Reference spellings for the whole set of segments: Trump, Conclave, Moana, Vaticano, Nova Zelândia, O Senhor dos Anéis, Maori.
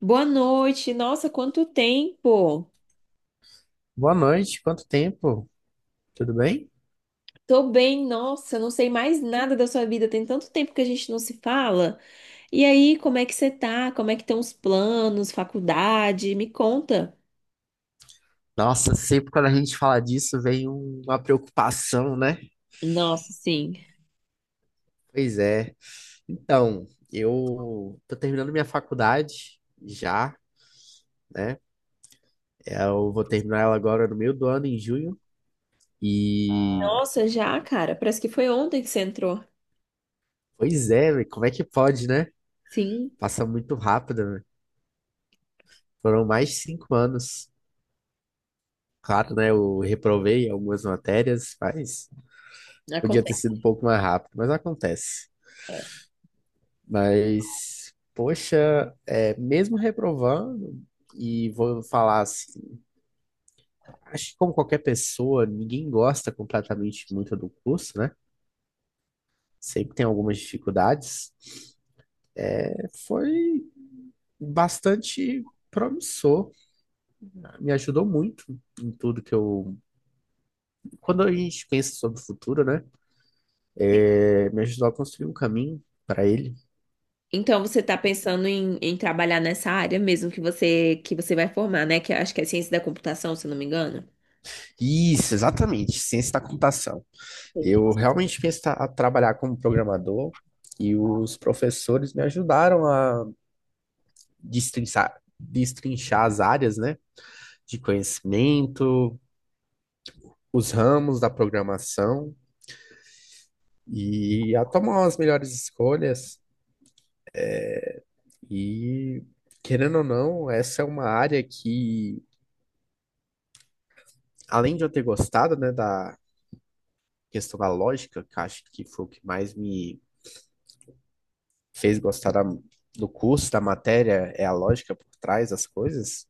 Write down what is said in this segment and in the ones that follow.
Boa noite. Nossa, quanto tempo! Boa noite, quanto tempo? Tudo bem? Tô bem, nossa, não sei mais nada da sua vida. Tem tanto tempo que a gente não se fala. E aí, como é que você tá? Como é que estão os planos, faculdade? Me conta. Nossa, sempre quando a gente fala disso vem uma preocupação, né? Nossa, sim. Pois é. Então, eu tô terminando minha faculdade já, né? Eu vou terminar ela agora no meio do ano, em junho. E, Nossa, já, cara, parece que foi ontem que você entrou. pois é, velho, como é que pode, né? Sim, Passa muito rápido, né? Foram mais de 5 anos. Claro, né? Eu reprovei algumas matérias, mas podia ter acontece. sido um pouco mais rápido, mas acontece. Mas, poxa, mesmo reprovando, e vou falar assim, acho que como qualquer pessoa, ninguém gosta completamente muito do curso, né? Sempre tem algumas dificuldades. Foi bastante promissor, tá? Me ajudou muito em tudo que eu. Quando a gente pensa sobre o futuro, né? Me ajudou a construir um caminho para ele. Então você tá pensando em trabalhar nessa área mesmo que você vai formar, né? Que eu acho que é ciência da computação, se eu não me engano. Isso, exatamente, ciência da computação. Entendi. Eu realmente quis tra- a trabalhar como programador e os professores me ajudaram a destrinchar as áreas, né, de conhecimento, os ramos da programação e a tomar as melhores escolhas. E, querendo ou não, essa é uma área que, além de eu ter gostado, né, da questão da lógica, que eu acho que foi o que mais me fez gostar do curso, da matéria, é a lógica por trás das coisas.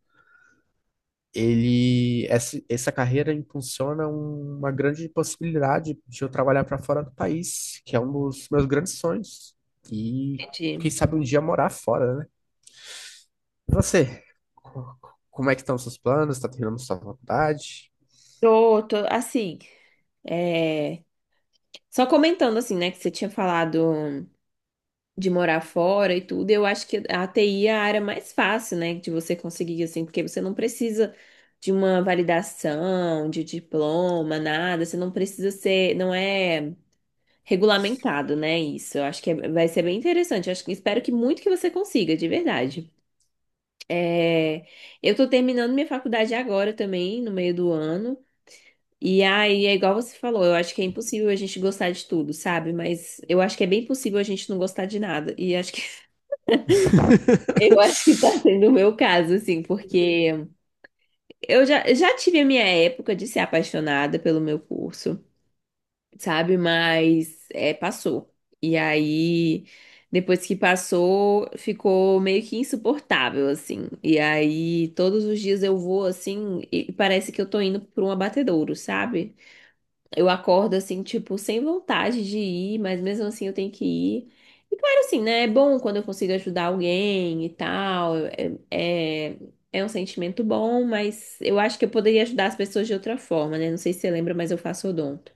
Ele essa carreira impulsiona uma grande possibilidade de eu trabalhar para fora do país, que é um dos meus grandes sonhos. E quem Entendi. sabe um dia morar fora, né? E você, Co- como é que estão os seus planos? Está terminando sua faculdade? Tô, assim. É. Só comentando assim, né, que você tinha falado de morar fora e tudo, eu acho que a TI é a área mais fácil, né, de você conseguir, assim, porque você não precisa de uma validação, de diploma, nada, você não precisa ser, não é regulamentado, né, isso. Eu acho que vai ser bem interessante, eu acho que espero que muito que você consiga, de verdade. É, eu tô terminando minha faculdade agora também, no meio do ano. E aí, é igual você falou, eu acho que é impossível a gente gostar de tudo, sabe? Mas eu acho que é bem possível a gente não gostar de nada. E acho que eu acho que tá sendo o meu caso, assim, porque eu já tive a minha época de ser apaixonada pelo meu curso, sabe? Mas é, passou. E aí, depois que passou, ficou meio que insuportável, assim. E aí, todos os dias eu vou assim, e parece que eu tô indo pra um abatedouro, sabe? Eu acordo assim, tipo, sem vontade de ir, mas mesmo assim eu tenho que ir. E claro, assim, né? É bom quando eu consigo ajudar alguém e tal. É, é, um sentimento bom, mas eu acho que eu poderia ajudar as pessoas de outra forma, né? Não sei se você lembra, mas eu faço odonto.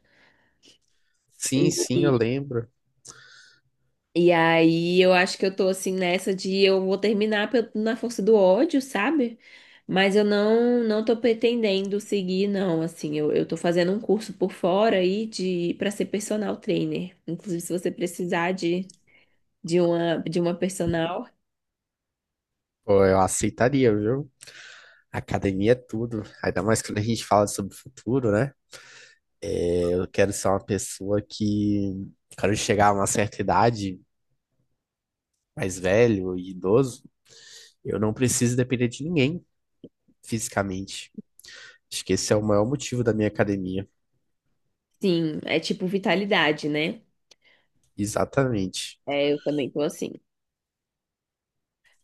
Sim, sim, eu lembro. E aí eu acho que eu tô assim nessa de eu vou terminar na força do ódio, sabe? Mas eu não tô pretendendo seguir, não, assim, eu tô fazendo um curso por fora aí de para ser personal trainer. Inclusive, se você precisar de uma personal, Pô, eu aceitaria, viu? Academia é tudo. Ainda mais quando a gente fala sobre o futuro, né? É, eu quero ser uma pessoa que. Quando chegar a uma certa idade mais velho e idoso, eu não preciso depender de ninguém fisicamente. Acho que esse é o maior motivo da minha academia. sim, é tipo vitalidade, né? Exatamente, É, eu também tô assim.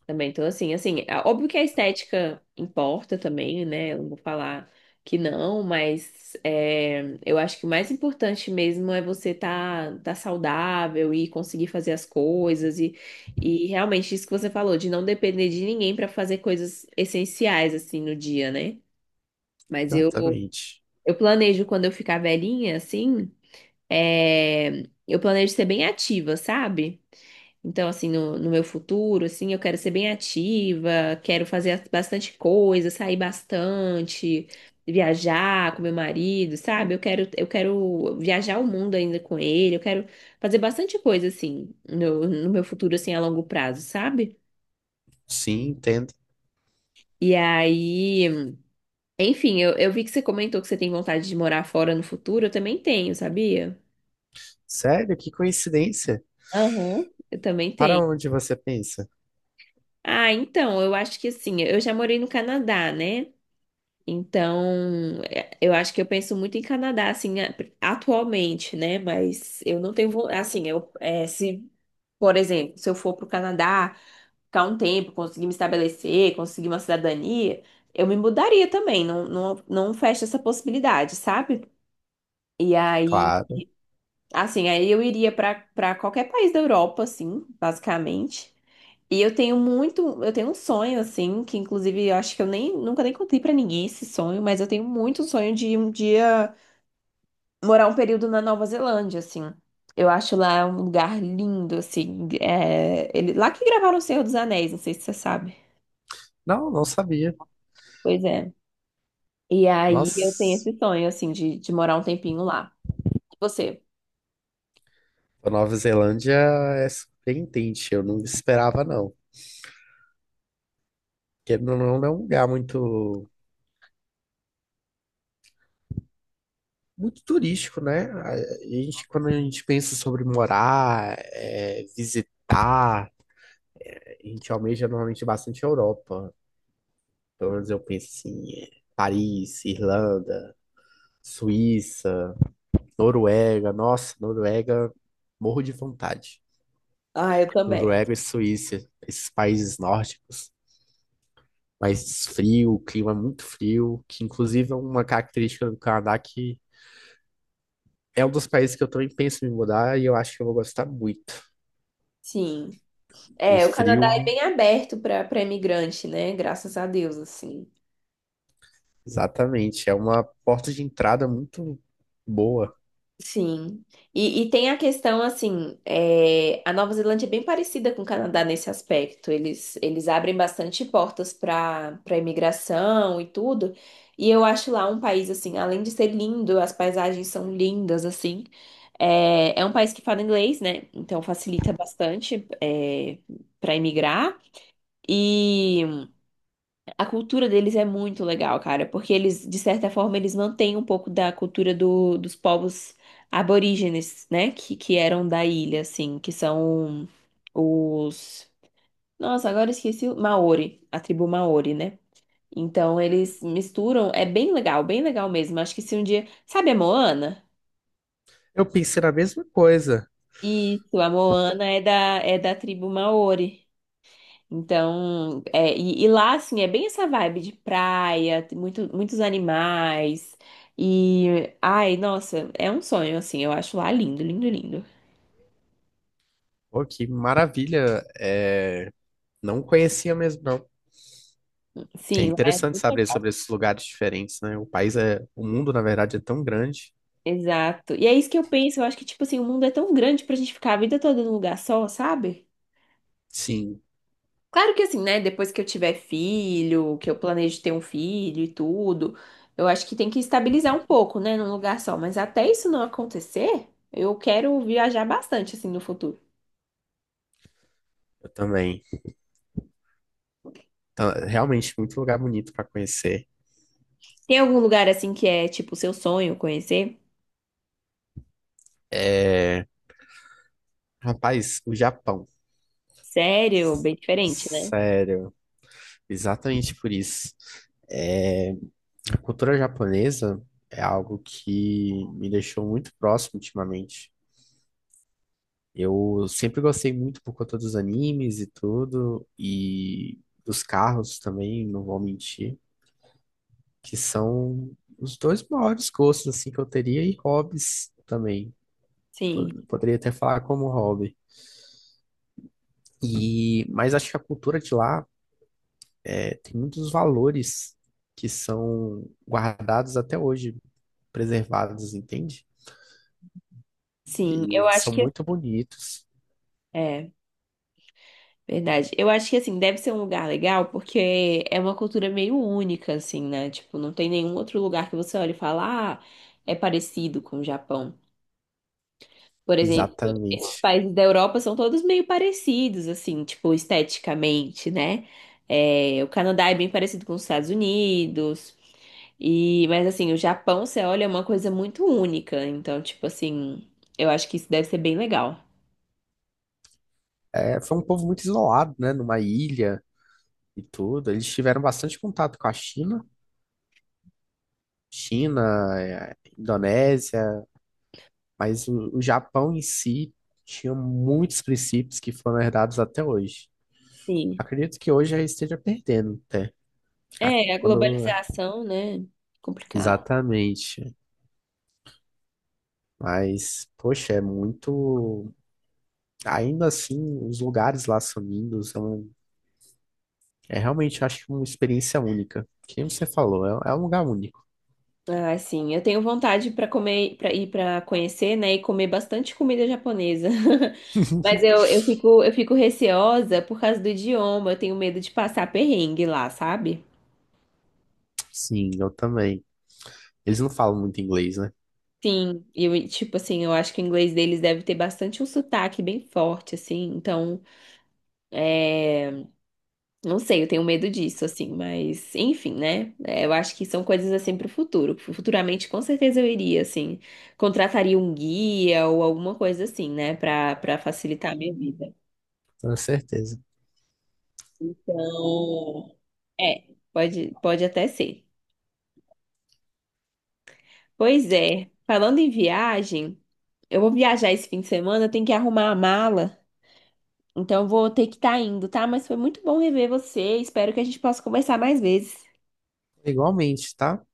Também tô assim, assim, é óbvio que a estética importa também, né? Eu não vou falar que não, mas é, eu acho que o mais importante mesmo é você tá saudável e conseguir fazer as coisas e realmente isso que você falou, de não depender de ninguém para fazer coisas essenciais assim no dia, né? Mas eu, exatamente. eu planejo quando eu ficar velhinha, assim, é, eu planejo ser bem ativa, sabe? Então, assim, no meu futuro, assim, eu quero ser bem ativa, quero fazer bastante coisa, sair bastante, viajar com meu marido, sabe? Eu quero viajar o mundo ainda com ele, eu quero fazer bastante coisa, assim, no meu futuro, assim, a longo prazo, sabe? Sim, entendo. E aí, enfim, eu vi que você comentou que você tem vontade de morar fora no futuro, eu também tenho, sabia? Sério, que coincidência. Aham. Eu também Para tenho. onde você pensa? Ah, então, eu acho que assim, eu já morei no Canadá, né? Então, é, eu acho que eu penso muito em Canadá, assim, atualmente, né? Mas eu não tenho, assim, eu, é, se, por exemplo, se eu for para o Canadá, ficar um tempo, conseguir me estabelecer, conseguir uma cidadania, eu me mudaria também, não, não, não fecho essa possibilidade, sabe? E aí, Claro. assim, aí eu iria para qualquer país da Europa, assim, basicamente. E eu tenho muito, eu tenho um sonho assim, que inclusive eu acho que eu nem nunca nem contei pra ninguém esse sonho, mas eu tenho muito sonho de um dia morar um período na Nova Zelândia, assim. Eu acho lá um lugar lindo, assim. É, ele, lá que gravaram O Senhor dos Anéis, não sei se você sabe. Não, não sabia. Pois é. E aí eu tenho Nossa, esse sonho, assim, de morar um tempinho lá. E você? a Nova Zelândia é surpreendente. Eu não esperava, não. Porque não é um lugar muito, muito turístico, né? Quando a gente pensa sobre morar, é, visitar, a gente almeja normalmente bastante a Europa. Pelo menos eu penso assim, é, Paris, Irlanda, Suíça, Noruega. Nossa, Noruega, morro de vontade. Ah, eu também. Noruega e Suíça, esses países nórdicos, mais frio, clima é muito frio, que inclusive é uma característica do Canadá que é um dos países que eu também penso em me mudar e eu acho que eu vou gostar muito. Sim. O É, o Canadá é frio, bem aberto para imigrante, né? Graças a Deus, assim. exatamente, é uma porta de entrada muito boa. Sim. E tem a questão, assim, é, a Nova Zelândia é bem parecida com o Canadá nesse aspecto. Eles abrem bastante portas para imigração e tudo. E eu acho lá um país, assim, além de ser lindo, as paisagens são lindas, assim. É, um país que fala inglês, né? Então facilita bastante, é, para imigrar. E. A cultura deles é muito legal, cara, porque eles, de certa forma, eles mantêm um pouco da cultura dos povos aborígenes, né? Que eram da ilha, assim, que são os. Nossa, agora eu esqueci o Maori, a tribo Maori, né? Então eles misturam, é bem legal mesmo. Acho que se um dia. Sabe a Moana? Eu pensei na mesma coisa. Isso, a Moana é da, tribo Maori. Então, é, e lá, assim, é bem essa vibe de praia, tem muito, muitos animais. E, ai, nossa, é um sonho, assim, eu acho lá lindo, lindo, lindo. Pô, que maravilha. Não conhecia mesmo, não. É Sim, lá é interessante super saber legal. sobre esses lugares diferentes, né? O país é, o mundo, na verdade, é tão grande. Exato. E é isso que eu penso, eu acho que, tipo assim, o mundo é tão grande pra gente ficar a vida toda num lugar só, sabe? Sim, Claro que, assim, né, depois que eu tiver filho, que eu planejo ter um filho e tudo, eu acho que tem que estabilizar um pouco, né, num lugar só. Mas até isso não acontecer, eu quero viajar bastante, assim, no futuro. eu também. Então, é realmente, muito lugar bonito para conhecer. Tem algum lugar assim que é tipo seu sonho conhecer? É, rapaz, o Japão. Sério, bem diferente, né? Sério, exatamente por isso. É, a cultura japonesa é algo que me deixou muito próximo ultimamente. Eu sempre gostei muito por conta dos animes e tudo, e dos carros também, não vou mentir, que são os dois maiores gostos assim que eu teria e hobbies também. Sim, Poderia até falar como hobby. E mas acho que a cultura de lá é, tem muitos valores que são guardados até hoje, preservados, entende? sim. E Eu acho são que muito bonitos, é verdade. Eu acho que assim deve ser um lugar legal porque é uma cultura meio única assim, né? Tipo, não tem nenhum outro lugar que você olhe e fala, ah, é parecido com o Japão. Por exemplo, esses exatamente. países da Europa são todos meio parecidos, assim, tipo, esteticamente, né? É, o Canadá é bem parecido com os Estados Unidos. E, mas assim, o Japão, você olha, é uma coisa muito única. Então, tipo assim, eu acho que isso deve ser bem legal. É, foi um povo muito isolado, né? Numa ilha e tudo. Eles tiveram bastante contato com a China, China, Indonésia, mas o Japão em si tinha muitos princípios que foram herdados até hoje. Sim. Acredito que hoje já esteja perdendo até. É, a Quando... globalização, né? Complicado. Exatamente. Mas, poxa, é muito. Ainda assim, os lugares lá são lindos. É realmente, eu acho, que uma experiência única. Quem você falou, é um lugar único. Ah, sim. Eu tenho vontade para comer, para ir para conhecer, né, e comer bastante comida japonesa. Mas eu fico receosa por causa do idioma. Eu tenho medo de passar perrengue lá, sabe? Sim, eu também. Eles não falam muito inglês, né? Sim, e eu, tipo assim, eu acho que o inglês deles deve ter bastante um sotaque bem forte, assim. Então, é. Não sei, eu tenho medo disso, assim, mas enfim, né? É, eu acho que são coisas assim pro futuro. Futuramente, com certeza eu iria, assim, contrataria um guia ou alguma coisa assim, né, Pra para facilitar a minha vida. Com certeza. Então, é, pode até ser. Pois é, falando em viagem, eu vou viajar esse fim de semana, eu tenho que arrumar a mala, então eu vou ter que estar indo, tá? Mas foi muito bom rever você, espero que a gente possa conversar mais vezes. Igualmente, tá?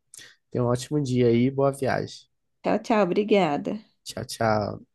Tenha um ótimo dia aí, boa viagem. Tchau, tchau, obrigada. Tchau, tchau.